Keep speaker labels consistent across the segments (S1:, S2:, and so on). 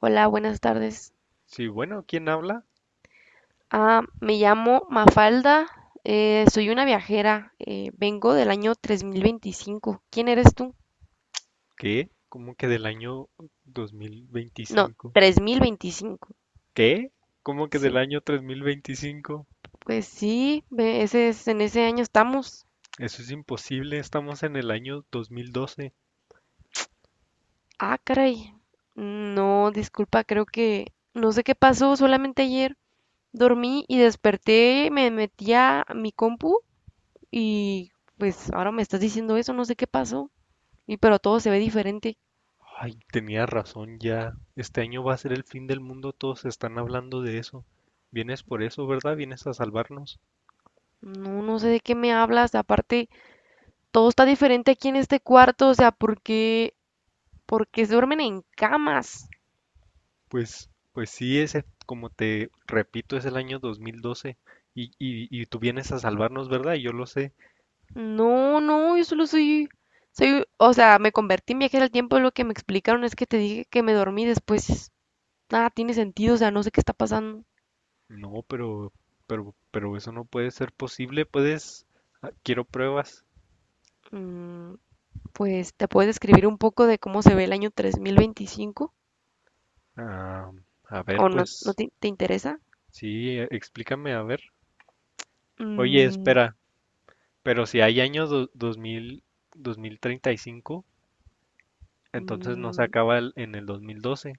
S1: Hola, buenas tardes.
S2: Sí, bueno, ¿quién habla?
S1: Me llamo Mafalda, soy una viajera, vengo del año 3025. ¿Quién eres tú?
S2: ¿Qué? ¿Cómo que del año
S1: No,
S2: 2025?
S1: 3025.
S2: ¿Qué? ¿Cómo que del
S1: Sí,
S2: año 3025?
S1: pues sí, ese es, en ese año estamos.
S2: Eso es imposible, estamos en el año 2012.
S1: Ah, caray. No, disculpa, creo que no sé qué pasó, solamente ayer dormí y desperté, me metí a mi compu y pues ahora me estás diciendo eso, no sé qué pasó. Y pero todo se ve diferente.
S2: Ay, tenía razón ya. Este año va a ser el fin del mundo, todos están hablando de eso. Vienes por eso, ¿verdad? Vienes a salvarnos.
S1: No, no sé de qué me hablas. Aparte, todo está diferente aquí en este cuarto. O sea, ¿por qué se duermen en camas?
S2: Pues sí, ese, como te repito, es el año 2012 y tú vienes a salvarnos, ¿verdad? Y yo lo sé.
S1: No, no, soy, o sea, me convertí en viajera al tiempo. Lo que me explicaron es que te dije que me dormí después. Nada tiene sentido, o sea, no sé qué está pasando.
S2: No, pero eso no puede ser posible, puedes, quiero pruebas.
S1: Mm, pues, ¿te puedes describir un poco de cómo se ve el año 3025?
S2: Ah, a ver,
S1: ¿O no,
S2: pues,
S1: te interesa?
S2: sí, explícame, a ver. Oye,
S1: Mm,
S2: espera, pero si hay año 2000, 2035, entonces no se
S1: mm,
S2: acaba en el 2012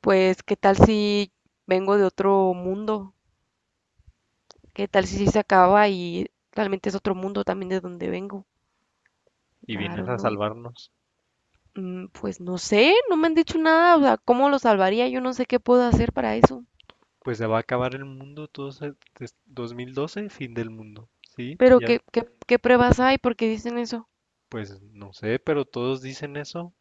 S1: pues, ¿qué tal si vengo de otro mundo? ¿Qué tal si sí se acaba y realmente es otro mundo también de donde vengo?
S2: y
S1: I
S2: vienes
S1: don't
S2: a
S1: know.
S2: salvarnos.
S1: Mm, pues no sé, no me han dicho nada, o sea, ¿cómo lo salvaría? Yo no sé qué puedo hacer para eso.
S2: Pues se va a acabar el mundo, todos, 2012, fin del mundo, ¿sí?
S1: Pero
S2: Ya,
S1: ¿qué pruebas hay? ¿Por qué dicen eso?
S2: pues no sé, pero todos dicen eso.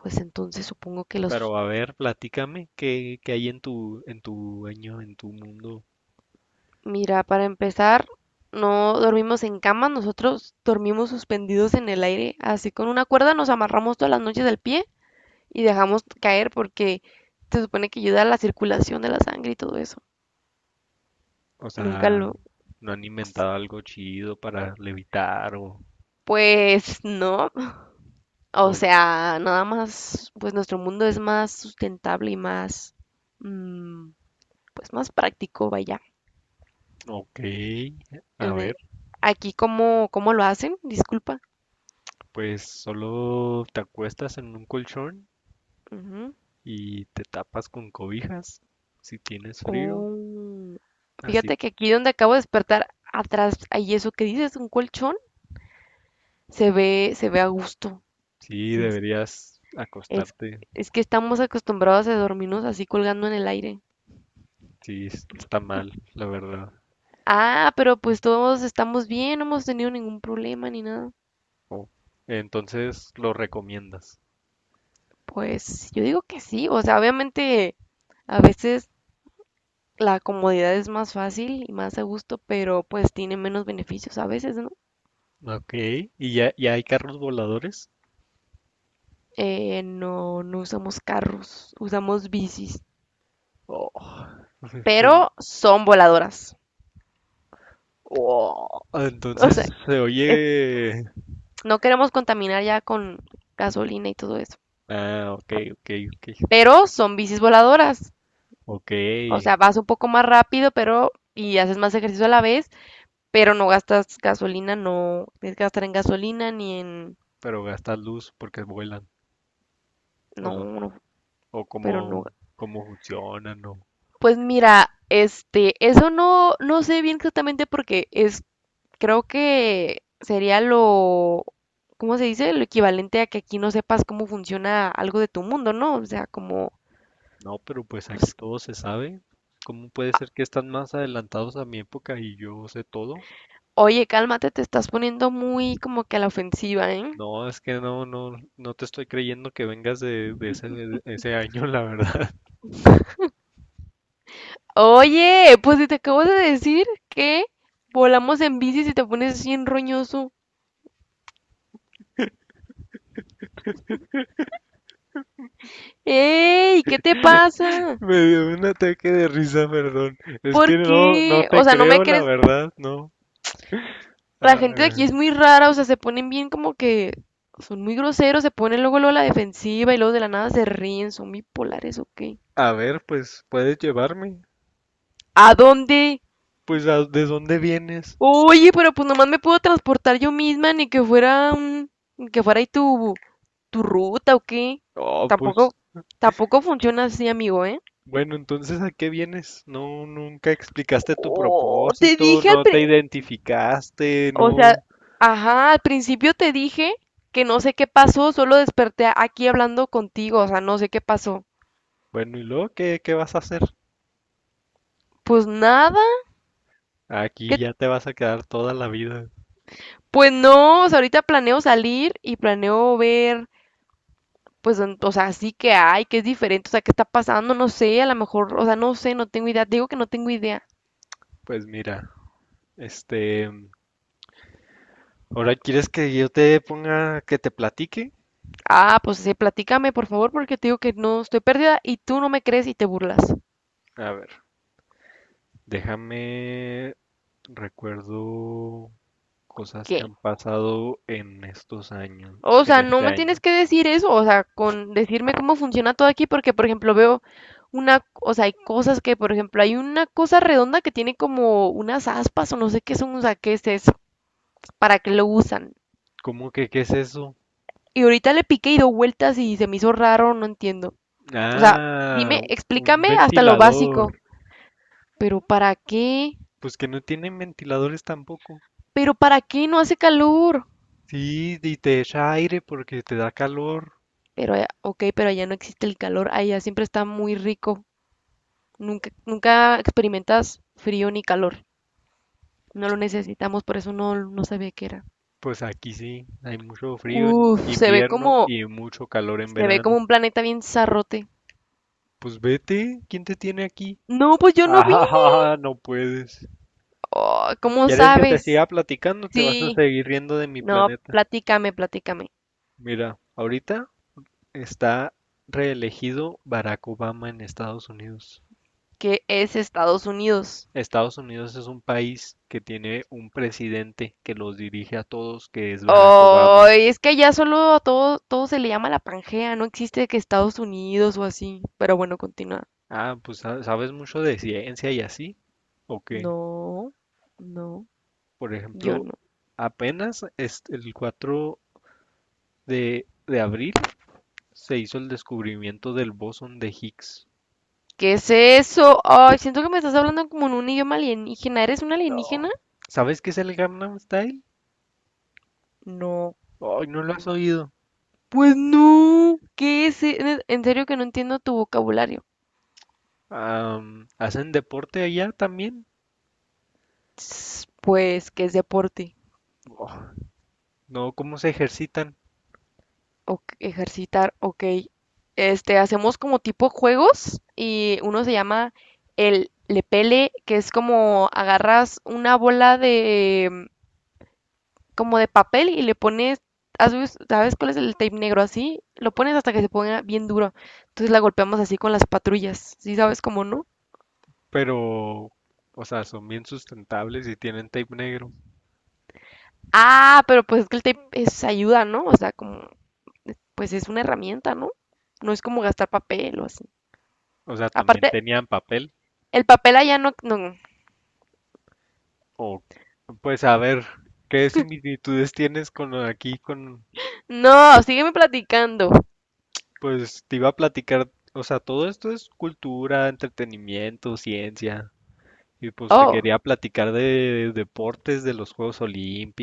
S1: Pues entonces supongo que los...
S2: Pero a ver, platícame qué hay en tu año, en tu mundo.
S1: Mira, para empezar, no dormimos en cama, nosotros dormimos suspendidos en el aire, así con una cuerda nos amarramos todas las noches del pie y dejamos caer porque se supone que ayuda a la circulación de la sangre y todo eso.
S2: O
S1: Nunca
S2: sea,
S1: lo
S2: ¿no han inventado algo chido para levitar o,
S1: Pues no, o
S2: o
S1: sea, nada más, pues nuestro mundo es más sustentable y más, mm, pues más práctico, vaya.
S2: ok? A
S1: En e-
S2: ver,
S1: Aquí, ¿cómo lo hacen? Disculpa.
S2: pues solo te acuestas en un colchón
S1: Ujú.
S2: y te tapas con cobijas si tienes frío.
S1: Oh,
S2: Así,
S1: fíjate que aquí donde acabo de despertar, atrás, hay eso que dices, un colchón, se ve a gusto.
S2: sí
S1: Sí, es,
S2: deberías
S1: es
S2: acostarte.
S1: es que estamos acostumbrados a dormirnos así colgando en el aire.
S2: Sí, está mal, la verdad.
S1: Ah, pero pues todos estamos bien, no hemos tenido ningún problema ni nada.
S2: O- entonces lo recomiendas.
S1: Pues yo digo que sí, o sea, obviamente a veces la comodidad es más fácil y más a gusto, pero pues tiene menos beneficios a veces, ¿no?
S2: Ok, ¿y ya hay carros voladores?
S1: No, no usamos carros, usamos bicis,
S2: Oh. Que un-
S1: pero son voladoras.
S2: Oh,
S1: O sea,
S2: entonces se
S1: es-
S2: oye.
S1: no queremos contaminar ya con gasolina y todo eso,
S2: Ah, ok, ok, ok.
S1: pero son bicis voladoras.
S2: Ok,
S1: O sea, vas un poco más rápido, pero y haces más ejercicio a la vez, pero no gastas gasolina, no tienes que gastar en gasolina ni en...
S2: pero gastan luz porque vuelan. O
S1: No,
S2: son,
S1: no,
S2: o cómo,
S1: pero no
S2: cómo funcionan, o.
S1: pues mira, este, eso no, no sé bien exactamente porque es, creo que sería lo, ¿cómo se dice? Lo equivalente a que aquí no sepas cómo funciona algo de tu mundo, ¿no? O sea, como,
S2: No, pero pues aquí
S1: pues,
S2: todo se sabe. ¿Cómo puede ser que están más adelantados a mi época y yo sé todo?
S1: oye, cálmate, te estás poniendo muy como que a la ofensiva, ¿eh?
S2: No, es que no te estoy creyendo que vengas de ese año, la verdad.
S1: Oye, pues si te acabo de decir que volamos en bici y te pones así en roñoso. ¡Ey! ¿Qué te pasa?
S2: Me dio un ataque de risa, perdón. Es
S1: ¿Por
S2: que no
S1: qué? O
S2: te
S1: sea, no me
S2: creo, la
S1: crees.
S2: verdad, no.
S1: La gente de aquí es
S2: Ah,
S1: muy rara, o sea, se ponen bien como que son muy groseros, se ponen luego, luego a la defensiva y luego de la nada se ríen, son bipolares o qué.
S2: a ver, pues, ¿puedes llevarme?
S1: ¿A dónde?
S2: Pues, ¿de dónde vienes?
S1: Oye, pero pues nomás me puedo transportar yo misma, ni que fuera ahí tu ruta o qué.
S2: Oh, pues,
S1: Tampoco, tampoco funciona así, amigo, ¿eh?
S2: bueno, entonces, ¿a qué vienes? No, nunca explicaste tu
S1: Oh, te
S2: propósito,
S1: dije al
S2: no te
S1: pri-
S2: identificaste,
S1: o sea,
S2: no.
S1: ajá, al principio te dije que no sé qué pasó, solo desperté aquí hablando contigo, o sea, no sé qué pasó.
S2: Bueno, ¿y luego qué vas a hacer?
S1: Pues nada, ¿qué
S2: Aquí ya te vas a quedar toda la vida.
S1: pues no, o sea, ahorita planeo salir y planeo ver, pues, o sea, sí que hay, que es diferente, o sea, qué está pasando, no sé, a lo mejor, o sea, no sé, no tengo idea, te digo que no tengo idea.
S2: Pues mira, este, ¿ahora quieres que yo te ponga, que te platique?
S1: Ah, pues sí, platícame, por favor, porque te digo que no estoy perdida y tú no me crees y te burlas.
S2: A ver, déjame, recuerdo cosas que
S1: ¿Qué?
S2: han pasado en estos años,
S1: O
S2: en
S1: sea, no
S2: este
S1: me
S2: año.
S1: tienes que decir eso, o sea, con decirme cómo funciona todo aquí, porque, por ejemplo, veo una, o sea, hay cosas que, por ejemplo, hay una cosa redonda que tiene como unas aspas o no sé qué son, o sea, ¿qué es eso? ¿Para qué lo usan?
S2: ¿Cómo que qué es eso?
S1: Y ahorita le piqué y dio vueltas y se me hizo raro, no entiendo. O sea,
S2: Ah,
S1: dime,
S2: un
S1: explícame hasta lo
S2: ventilador.
S1: básico. Pero ¿para qué?
S2: Pues que no tienen ventiladores tampoco.
S1: Pero ¿para qué no hace calor?
S2: Sí, y te echa aire porque te da calor.
S1: Pero, ok, pero allá no existe el calor, allá siempre está muy rico. Nunca, nunca experimentas frío ni calor. No lo necesitamos, por eso no, no sabía qué era.
S2: Pues aquí sí, hay mucho frío en
S1: Uf,
S2: invierno y mucho calor en
S1: se ve
S2: verano.
S1: como un planeta bien zarrote.
S2: Pues vete, ¿quién te tiene aquí?
S1: No, pues yo no vi.
S2: Ah, no puedes.
S1: Oh, ¿cómo
S2: ¿Quieres que te
S1: sabes?
S2: siga platicando? Te vas a
S1: Sí,
S2: seguir riendo de mi
S1: no,
S2: planeta.
S1: platícame, platícame.
S2: Mira, ahorita está reelegido Barack Obama en Estados Unidos.
S1: Que es Estados Unidos.
S2: Estados Unidos es un país que tiene un presidente que los dirige a todos, que es Barack
S1: Oh,
S2: Obama.
S1: es que allá solo a todo, todo se le llama la Pangea, no existe que Estados Unidos o así. Pero bueno, continúa.
S2: Ah, pues ¿sabes mucho de ciencia y así, o qué?
S1: No, no,
S2: Por
S1: yo
S2: ejemplo,
S1: no.
S2: apenas el 4 de abril se hizo el descubrimiento del bosón de Higgs.
S1: ¿Qué es eso? Ay, siento que me estás hablando como en un idioma alienígena. ¿Eres un alienígena?
S2: No. ¿Sabes qué es el Gangnam Style?
S1: No.
S2: Ay, no lo has oído.
S1: Pues no. ¿Qué es? En serio que no entiendo tu vocabulario.
S2: ¿Hacen deporte allá también?
S1: Pues que es deporte.
S2: Oh, no, ¿cómo se ejercitan?
S1: O ejercitar, ok. Este, hacemos como tipo juegos y uno se llama el lepele, que es como agarras una bola de como de papel y le pones, ¿sabes cuál es el tape negro así? Lo pones hasta que se ponga bien duro. Entonces la golpeamos así con las patrullas, ¿sí sabes cómo no?
S2: Pero, o sea, son bien sustentables y tienen tape negro.
S1: Ah, pero pues es que el tape es ayuda, ¿no? O sea, como pues es una herramienta, ¿no? No es como gastar papel o así.
S2: O sea, también
S1: Aparte,
S2: tenían papel.
S1: el papel allá no, no,
S2: O, pues, a ver, ¿qué similitudes tienes con aquí con,
S1: No, sígueme platicando.
S2: pues, te iba a platicar, o sea, todo esto es cultura, entretenimiento, ciencia. Y pues te
S1: Oh,
S2: quería platicar de deportes, de los Juegos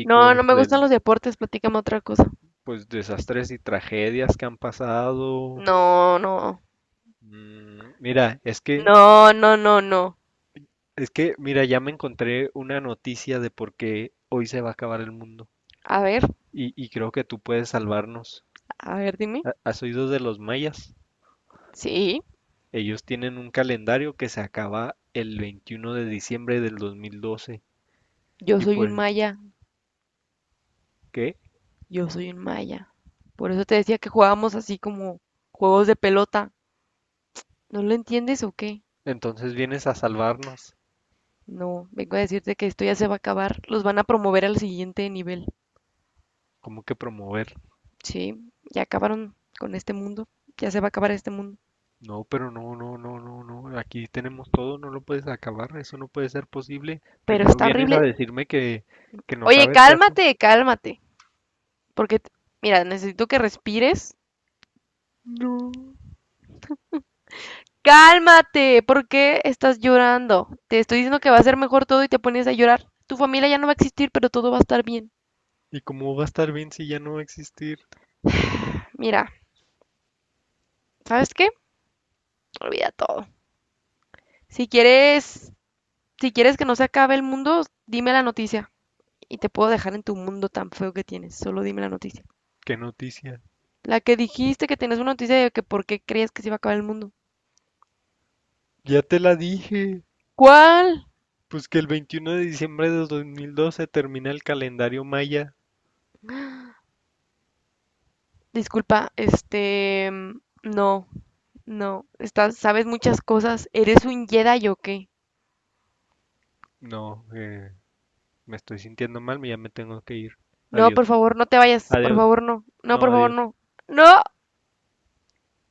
S1: no, no me gustan
S2: del,
S1: los deportes, platícame otra cosa.
S2: pues, desastres y tragedias que han pasado.
S1: No, no,
S2: Mira, es que
S1: no, no, no, no.
S2: Es que, mira, ya me encontré una noticia de por qué hoy se va a acabar el mundo.
S1: A ver,
S2: Y creo que tú puedes salvarnos.
S1: a ver, dime.
S2: ¿Has oído de los mayas?
S1: Sí,
S2: Ellos tienen un calendario que se acaba el 21 de diciembre del 2012.
S1: yo
S2: Y
S1: soy un
S2: pues,
S1: maya,
S2: ¿qué?
S1: yo soy un maya. Por eso te decía que jugábamos así como juegos de pelota. ¿No lo entiendes o qué?
S2: Entonces vienes a salvarnos.
S1: No, vengo a decirte que esto ya se va a acabar. Los van a promover al siguiente nivel.
S2: ¿Cómo que promover?
S1: Sí, ya acabaron con este mundo. Ya se va a acabar este mundo.
S2: No, pero no, no, no, no, no. Aquí tenemos todo, no lo puedes acabar. Eso no puede ser posible.
S1: Pero
S2: Primero
S1: está
S2: vienes a
S1: horrible.
S2: decirme que, no
S1: Oye,
S2: sabes qué haces.
S1: cálmate, cálmate. Porque, mira, necesito que respires.
S2: No.
S1: Cálmate, ¿por qué estás llorando? Te estoy diciendo que va a ser mejor todo y te pones a llorar. Tu familia ya no va a existir, pero todo va a estar bien.
S2: ¿Y cómo va a estar bien si ya no va a existir?
S1: Mira, ¿sabes qué? Olvida todo. Si quieres, si quieres que no se acabe el mundo, dime la noticia y te puedo dejar en tu mundo tan feo que tienes. Solo dime la noticia.
S2: ¿Qué noticia?
S1: La que dijiste que tenías una noticia de que por qué creías que se iba a acabar el mundo.
S2: Ya te la dije.
S1: ¿Cuál?
S2: Pues que el 21 de diciembre de 2012 termina el calendario maya.
S1: Disculpa, este, no, estás, sabes muchas cosas. ¿Eres un Jedi o qué?
S2: No, me estoy sintiendo mal, ya me tengo que ir.
S1: No,
S2: Adiós.
S1: por favor, no te vayas. Por
S2: Adiós.
S1: favor, no. No,
S2: No,
S1: por favor,
S2: adiós.
S1: no. No.